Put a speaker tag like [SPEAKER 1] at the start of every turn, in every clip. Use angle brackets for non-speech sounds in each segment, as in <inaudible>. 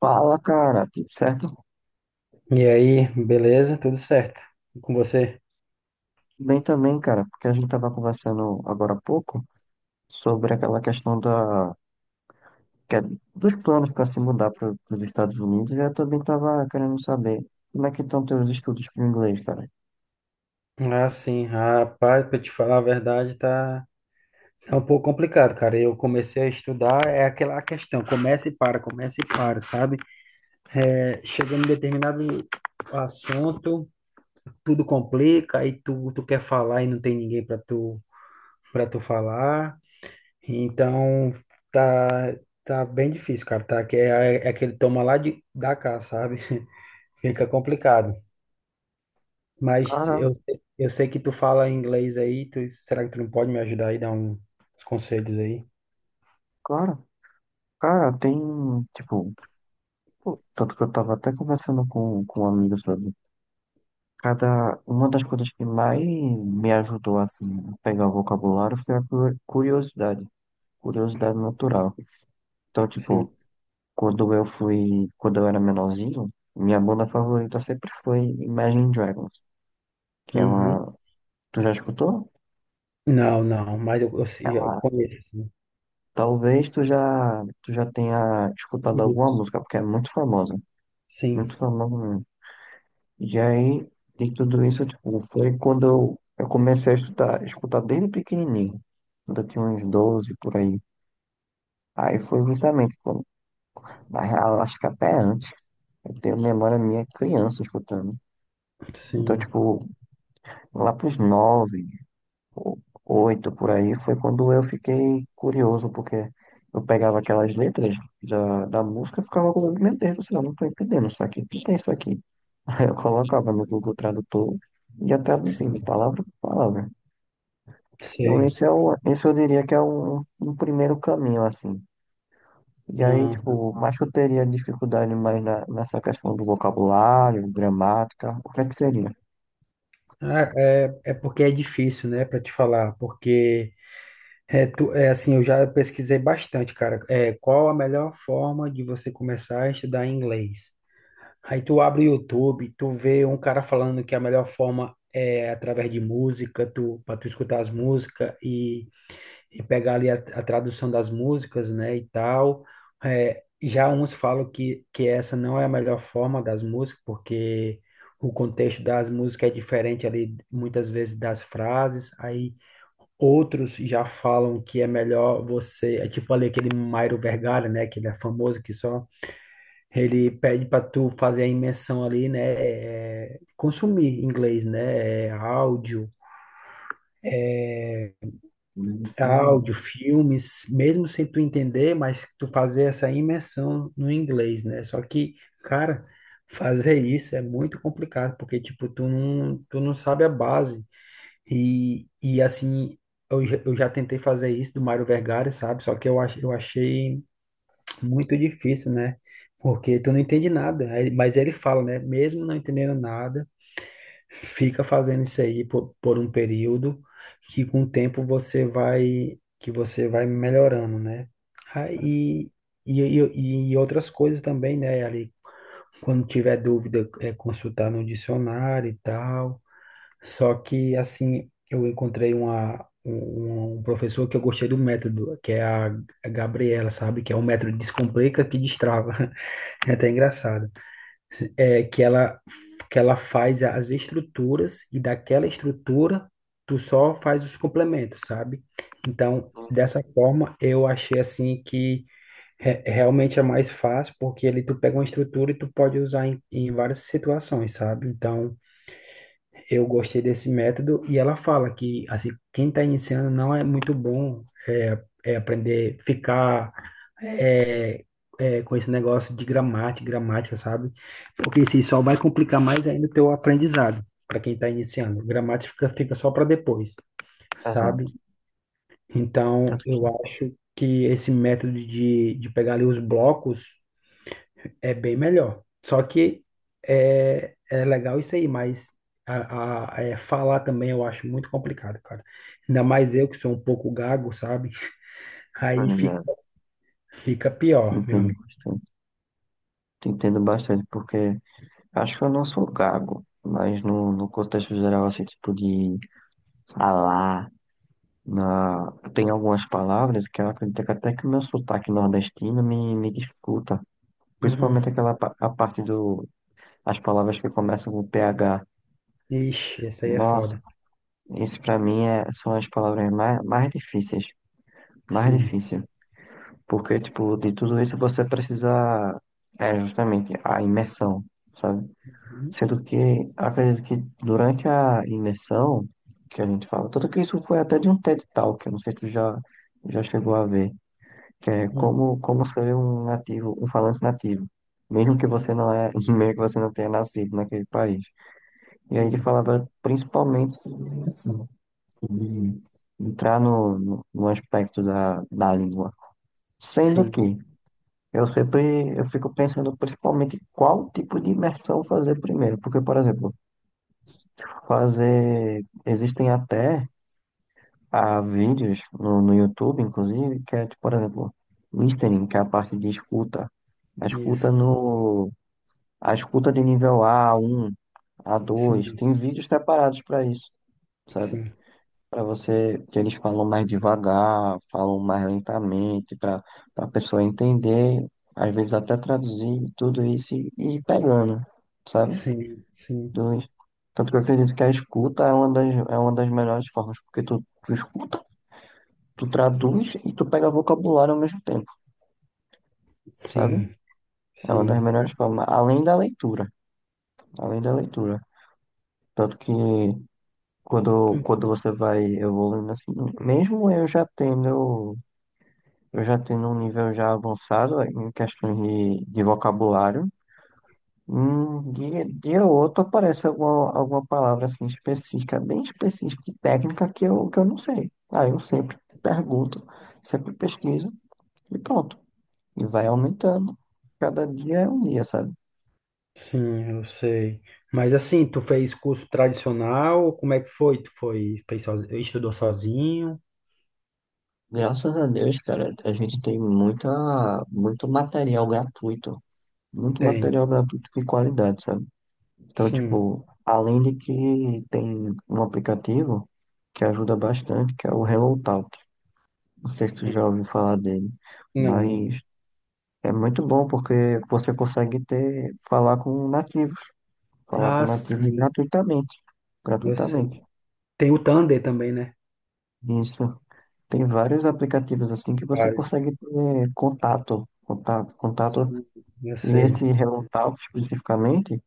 [SPEAKER 1] Fala, cara, tudo certo?
[SPEAKER 2] E aí, beleza? Tudo certo? E com você?
[SPEAKER 1] Bem também, cara, porque a gente tava conversando agora há pouco sobre aquela questão da, que é- dos planos para se mudar para os Estados Unidos, e eu também tava querendo saber como é que estão teus estudos para inglês, cara.
[SPEAKER 2] Ah, sim, rapaz, pra te falar a verdade, tá é um pouco complicado, cara. Eu comecei a estudar, é aquela questão, começa e para, sabe? É, chegando em determinado assunto, tudo complica, aí tu quer falar e não tem ninguém para tu falar. Então, tá, tá bem difícil, cara, tá? Que é aquele toma lá da cá, sabe? <laughs> Fica complicado. Mas
[SPEAKER 1] Cara,
[SPEAKER 2] eu sei que tu fala inglês aí, será que tu não pode me ajudar aí, dar uns conselhos aí?
[SPEAKER 1] claro, cara, tem, tipo, pô, tanto que eu tava até conversando com um amigo sobre cada, uma das coisas que mais me ajudou, assim, a pegar o vocabulário foi a curiosidade, curiosidade natural. Então,
[SPEAKER 2] Sim.
[SPEAKER 1] tipo, quando eu era menorzinho, minha banda favorita sempre foi Imagine Dragons, que é
[SPEAKER 2] Uhum.
[SPEAKER 1] uma, tu já escutou?
[SPEAKER 2] Não, não, mas eu, eu,
[SPEAKER 1] É
[SPEAKER 2] sei- eu
[SPEAKER 1] uma,
[SPEAKER 2] conheço, sim.
[SPEAKER 1] talvez tu já, tu já tenha escutado alguma
[SPEAKER 2] Isso.
[SPEAKER 1] música, porque é
[SPEAKER 2] Sim,
[SPEAKER 1] muito famosa mesmo. E aí, de tudo isso, tipo, foi quando eu comecei a estudar, escutar desde pequenininho, quando eu tinha uns 12 por aí. Aí foi justamente quando, na real, acho que até antes, eu tenho memória minha criança escutando. Então,
[SPEAKER 2] sim,
[SPEAKER 1] tipo, lá pros nove, o- oito por aí, foi quando eu fiquei curioso, porque eu pegava aquelas letras da música e ficava com meu Deus do céu, não estou entendendo isso aqui, o que que é isso aqui? <laughs> Aí eu colocava no Google Tradutor e ia traduzindo
[SPEAKER 2] sim,
[SPEAKER 1] palavra por palavra. Então
[SPEAKER 2] sei.
[SPEAKER 1] esse é esse eu diria que é um primeiro caminho, assim. E aí,
[SPEAKER 2] Ah,
[SPEAKER 1] tipo, mas eu teria dificuldade mais nessa questão do vocabulário, gramática, o que é que seria?
[SPEAKER 2] ah, é porque é difícil, né, para te falar, porque é assim, eu já pesquisei bastante, cara. É, qual a melhor forma de você começar a estudar inglês? Aí tu abre o YouTube, tu vê um cara falando que a melhor forma é através de música, para tu escutar as músicas e pegar ali a tradução das músicas, né, e tal. É, já uns falam que essa não é a melhor forma das músicas, porque o contexto das músicas é diferente ali, muitas vezes, das frases. Aí outros já falam que é melhor é tipo ali aquele Mairo Vergalha, né, que ele é famoso, que só ele pede para tu fazer a imersão ali, né? É, consumir inglês, né? É, áudio,
[SPEAKER 1] Leitura, né?
[SPEAKER 2] áudio, filmes, mesmo sem tu entender, mas tu fazer essa imersão no inglês, né? Só que, cara, fazer isso é muito complicado, porque, tipo, tu não sabe a base. E assim, eu já tentei fazer isso do Mário Vergara, sabe? Só que eu achei muito difícil, né? Porque tu não entende nada, mas ele fala, né? Mesmo não entendendo nada, fica fazendo isso aí por um período que com o tempo você vai melhorando, né? Aí e outras coisas também, né? Ali quando tiver dúvida é consultar no dicionário e tal. Só que assim eu encontrei uma um um professor que eu gostei do método, que é a Gabriela, sabe? Que é o método Descomplica que Destrava. <laughs> É até engraçado, é, que ela faz as estruturas e daquela estrutura tu só faz os complementos, sabe? Então, dessa forma, eu achei assim que realmente é mais fácil, porque ali tu pega uma estrutura e tu pode usar em várias situações, sabe? Então, eu gostei desse método e ela fala que assim, quem está iniciando não é muito bom é, é aprender, ficar é, com esse negócio de gramática, gramática, sabe? Porque isso aí só vai complicar mais ainda o teu aprendizado para quem está iniciando. Gramática fica só para depois, sabe?
[SPEAKER 1] Exato.
[SPEAKER 2] Então,
[SPEAKER 1] Tanto que,
[SPEAKER 2] eu acho que esse método de pegar ali os blocos é bem melhor. Só que é legal isso aí, mas falar também eu acho muito complicado, cara. Ainda mais eu que sou um pouco gago, sabe? Aí fica,
[SPEAKER 1] olha,
[SPEAKER 2] fica
[SPEAKER 1] que
[SPEAKER 2] pior, meu
[SPEAKER 1] entendo
[SPEAKER 2] amigo.
[SPEAKER 1] bastante. Te entendo bastante, porque acho que eu não sou gago, mas no contexto geral, assim, tipo de falar, na... tem algumas palavras que eu acredito que até que o meu sotaque nordestino me dificulta,
[SPEAKER 2] Uhum.
[SPEAKER 1] principalmente aquela a parte do, as palavras que começam com P H.
[SPEAKER 2] Ixi, isso aí é
[SPEAKER 1] Nossa,
[SPEAKER 2] foda.
[SPEAKER 1] isso pra mim é, são as palavras mais difíceis, mais
[SPEAKER 2] Sim.
[SPEAKER 1] difícil, porque, tipo, de tudo isso você precisa, é justamente a imersão, sabe?
[SPEAKER 2] Uhum.
[SPEAKER 1] Sendo que acredito que durante a imersão que a gente fala, tanto que isso foi até de um TED Talk, eu não sei se tu já, já chegou a ver, que é
[SPEAKER 2] Uhum.
[SPEAKER 1] como ser um nativo, um falante nativo, mesmo que você não é, <laughs> mesmo que você não tenha nascido naquele país. E aí ele
[SPEAKER 2] Uhum.
[SPEAKER 1] falava principalmente sobre isso, né? Sobre entrar no aspecto da língua. Sendo
[SPEAKER 2] Sim.
[SPEAKER 1] que eu sempre eu fico pensando principalmente qual tipo de imersão fazer primeiro, porque, por exemplo, fazer. Existem até ah, vídeos no YouTube, inclusive, que é, tipo, por exemplo, listening, que é a parte de escuta. A escuta
[SPEAKER 2] Isso.
[SPEAKER 1] no. A escuta de nível A um a dois
[SPEAKER 2] Sim.
[SPEAKER 1] tem vídeos separados para isso, sabe?
[SPEAKER 2] Sim.
[SPEAKER 1] Para você, que eles falam mais devagar, falam mais lentamente, para a pessoa entender, às vezes até traduzir tudo isso e ir pegando, sabe?
[SPEAKER 2] Sim. Sim.
[SPEAKER 1] Dois. Tanto que eu acredito que a escuta é uma das melhores formas, porque tu escuta, tu traduz e tu pega vocabulário ao mesmo tempo, sabe?
[SPEAKER 2] Sim.
[SPEAKER 1] É uma das melhores formas, além da leitura, além da leitura. Tanto que
[SPEAKER 2] Sim.
[SPEAKER 1] quando você vai evoluindo assim, mesmo eu já tendo um nível já avançado em questões de vocabulário. Dia ou outro aparece alguma palavra assim específica, bem específica e técnica que que eu não sei. Aí eu sempre pergunto, sempre pesquiso e pronto. E vai aumentando. Cada dia é um dia, sabe?
[SPEAKER 2] Sim, eu sei. Mas assim, tu fez curso tradicional? Como é que foi? Fez sozinho, estudou sozinho?
[SPEAKER 1] Graças a Deus, cara, a gente tem muita, muito material gratuito. Muito
[SPEAKER 2] Tem.
[SPEAKER 1] material gratuito de qualidade, sabe? Então,
[SPEAKER 2] Sim.
[SPEAKER 1] tipo, além de que tem um aplicativo que ajuda bastante, que é o HelloTalk. Não sei se tu já ouviu falar dele,
[SPEAKER 2] Não.
[SPEAKER 1] mas é muito bom porque você consegue ter, falar com
[SPEAKER 2] Ah,
[SPEAKER 1] nativos
[SPEAKER 2] sim,
[SPEAKER 1] gratuitamente,
[SPEAKER 2] eu
[SPEAKER 1] gratuitamente.
[SPEAKER 2] sei. Tem o Thunder também, né?
[SPEAKER 1] Isso. Tem vários aplicativos assim que você
[SPEAKER 2] Vários.
[SPEAKER 1] consegue ter contato, contato, contato.
[SPEAKER 2] Sim, eu
[SPEAKER 1] E
[SPEAKER 2] sei.
[SPEAKER 1] esse Hello Talk especificamente,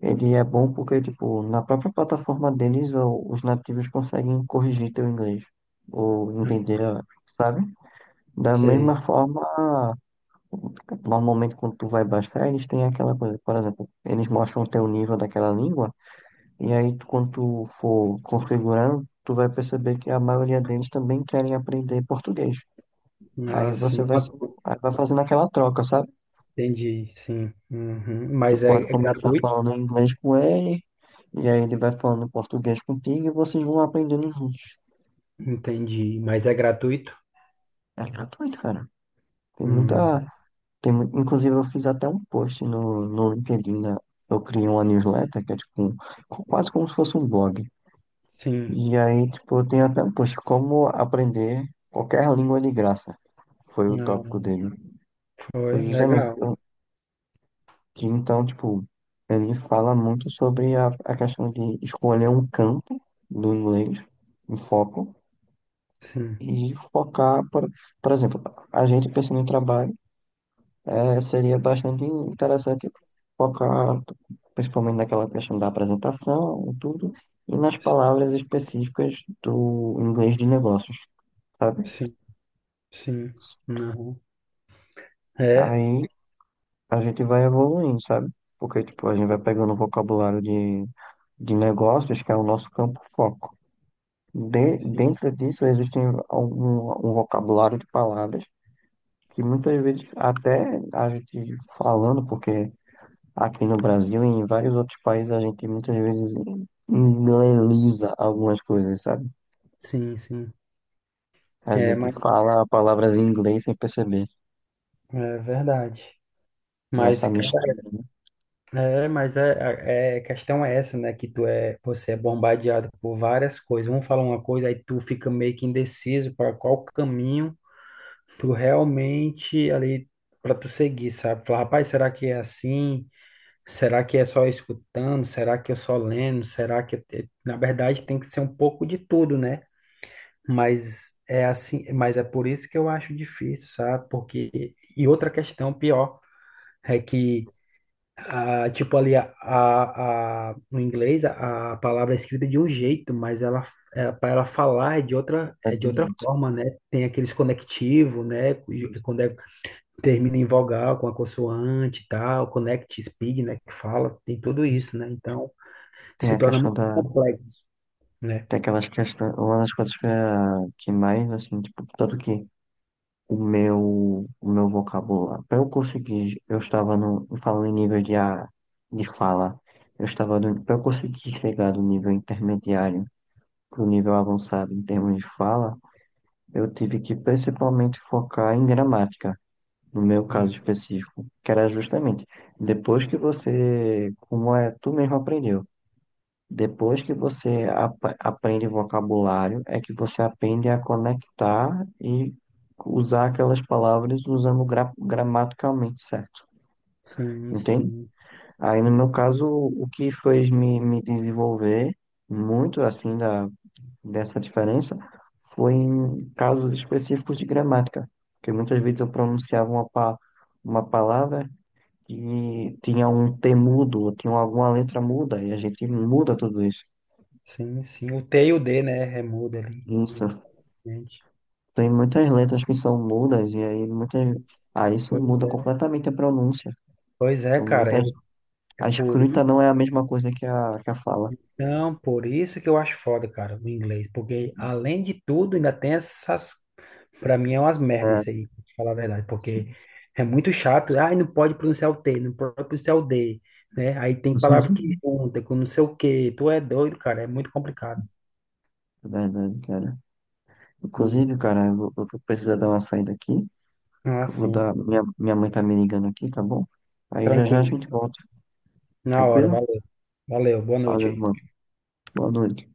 [SPEAKER 1] ele é bom porque, tipo, na própria plataforma deles, os nativos conseguem corrigir teu inglês ou entender, sabe? Da mesma
[SPEAKER 2] Sei.
[SPEAKER 1] forma, portanto, normalmente, quando tu vai baixar, eles têm aquela coisa, por exemplo, eles mostram o teu nível daquela língua, e aí tu, quando tu for configurando, tu vai perceber que a maioria deles também querem aprender português. Aí
[SPEAKER 2] Ah,
[SPEAKER 1] você
[SPEAKER 2] sim.
[SPEAKER 1] vai,
[SPEAKER 2] Ah,
[SPEAKER 1] aí vai fazendo aquela troca, sabe?
[SPEAKER 2] entendi, sim. Uhum.
[SPEAKER 1] Tu
[SPEAKER 2] Mas é,
[SPEAKER 1] pode
[SPEAKER 2] é
[SPEAKER 1] começar
[SPEAKER 2] gratuito?
[SPEAKER 1] falando inglês com ele, e aí ele vai falando português contigo, e vocês vão aprendendo juntos.
[SPEAKER 2] Entendi. Mas é gratuito?
[SPEAKER 1] É gratuito, cara. Tem
[SPEAKER 2] Hum.
[SPEAKER 1] muita, tem, inclusive, eu fiz até um post no LinkedIn, né? Eu criei uma newsletter que é tipo quase como se fosse um blog.
[SPEAKER 2] Sim.
[SPEAKER 1] E aí, tipo, eu tenho até um post, como aprender qualquer língua de graça. Foi o
[SPEAKER 2] Ah,
[SPEAKER 1] tópico dele. Foi
[SPEAKER 2] foi.
[SPEAKER 1] justamente
[SPEAKER 2] Legal.
[SPEAKER 1] que então, tipo, ele fala muito sobre a questão de escolher um campo do inglês, um foco,
[SPEAKER 2] Sim.
[SPEAKER 1] e focar, por exemplo, a gente pensando em trabalho. É, seria bastante interessante focar principalmente naquela questão da apresentação e tudo, e nas palavras específicas do inglês de negócios, sabe?
[SPEAKER 2] Sim, sim. Uhum. É,
[SPEAKER 1] Aí a gente vai evoluindo, sabe? Porque, tipo, a gente vai pegando o vocabulário de negócios, que é o nosso campo foco. De,
[SPEAKER 2] Sim,
[SPEAKER 1] dentro disso, existem algum, um vocabulário de palavras que muitas vezes até a gente falando, porque aqui no Brasil e em vários outros países a gente muitas vezes inglesa algumas coisas, sabe?
[SPEAKER 2] sim, sim.
[SPEAKER 1] A
[SPEAKER 2] É,
[SPEAKER 1] gente
[SPEAKER 2] mas
[SPEAKER 1] fala palavras em inglês sem perceber.
[SPEAKER 2] é verdade.
[SPEAKER 1] E
[SPEAKER 2] Mas,
[SPEAKER 1] essa
[SPEAKER 2] cara,
[SPEAKER 1] mistura
[SPEAKER 2] mas a questão é essa, né? Que você é bombardeado por várias coisas. Um fala uma coisa, aí tu fica meio que indeciso para qual caminho tu realmente ali para tu seguir, sabe? Fala, rapaz, será que é assim? Será que é só escutando? Será que eu só lendo? Será que na verdade tem que ser um pouco de tudo, né? Mas é assim, mas é por isso que eu acho difícil, sabe? Porque e outra questão pior é que ah, tipo ali no inglês a palavra é escrita de um jeito, mas ela para ela falar é de outra é de
[SPEAKER 1] de
[SPEAKER 2] outra
[SPEAKER 1] outros.
[SPEAKER 2] forma, né? Tem aqueles conectivos, né? Quando termina em vogal com a consoante e tal, connect speed, né? Que fala, tem tudo isso, né? Então
[SPEAKER 1] Tem
[SPEAKER 2] se
[SPEAKER 1] a
[SPEAKER 2] torna
[SPEAKER 1] questão
[SPEAKER 2] muito
[SPEAKER 1] da.
[SPEAKER 2] complexo, né?
[SPEAKER 1] Tem aquelas questões. Uma das coisas que, que mais, assim, tipo, tanto que o meu vocabulário. Pra eu conseguir, eu estava no. Falando em níveis de, de fala. Eu estava no. Pra eu conseguir chegar do nível intermediário pro nível avançado em termos de fala. Eu tive que principalmente focar em gramática, no meu caso
[SPEAKER 2] Hum.
[SPEAKER 1] específico, que era justamente depois que você, como é, tu mesmo aprendeu, depois que você aprende vocabulário, é que você aprende a conectar e usar aquelas palavras usando gramaticalmente certo,
[SPEAKER 2] Sim,
[SPEAKER 1] entende?
[SPEAKER 2] sim,
[SPEAKER 1] Aí, no meu
[SPEAKER 2] sim.
[SPEAKER 1] caso, o que fez me desenvolver muito assim da dessa diferença foi em casos específicos de gramática, porque muitas vezes eu pronunciava uma palavra que tinha um T mudo, ou tinha alguma letra muda, e a gente muda tudo isso.
[SPEAKER 2] Sim, sim. O T e o D, né? Remuda ali,
[SPEAKER 1] Isso.
[SPEAKER 2] gente.
[SPEAKER 1] Tem muitas letras que são mudas, e aí muitas. Ah, isso
[SPEAKER 2] Pois
[SPEAKER 1] muda
[SPEAKER 2] é.
[SPEAKER 1] completamente a pronúncia.
[SPEAKER 2] Pois é,
[SPEAKER 1] Então,
[SPEAKER 2] cara.
[SPEAKER 1] muitas...
[SPEAKER 2] É
[SPEAKER 1] a
[SPEAKER 2] por,
[SPEAKER 1] escrita
[SPEAKER 2] i-
[SPEAKER 1] não é a mesma coisa que que a fala.
[SPEAKER 2] por isso que eu acho foda, cara, o inglês. Porque, além de tudo, ainda tem essas. Pra mim é umas merdas
[SPEAKER 1] É.
[SPEAKER 2] isso aí, pra te falar a verdade. Porque é muito chato. Ai, não pode pronunciar o T, não pode pronunciar o D, né? Aí tem palavra que
[SPEAKER 1] <laughs>
[SPEAKER 2] junta com não sei o quê. Tu é doido, cara. É muito complicado.
[SPEAKER 1] Verdade, cara.
[SPEAKER 2] Hum.
[SPEAKER 1] Inclusive, cara, eu vou precisar dar uma saída aqui.
[SPEAKER 2] Ah,
[SPEAKER 1] Que eu vou
[SPEAKER 2] sim.
[SPEAKER 1] dar. Minha mãe tá me ligando aqui, tá bom? Aí já já a
[SPEAKER 2] Tranquilo.
[SPEAKER 1] gente volta.
[SPEAKER 2] Na hora.
[SPEAKER 1] Tranquilo?
[SPEAKER 2] Valeu. Valeu. Boa noite
[SPEAKER 1] Valeu,
[SPEAKER 2] aí.
[SPEAKER 1] mano. Boa noite.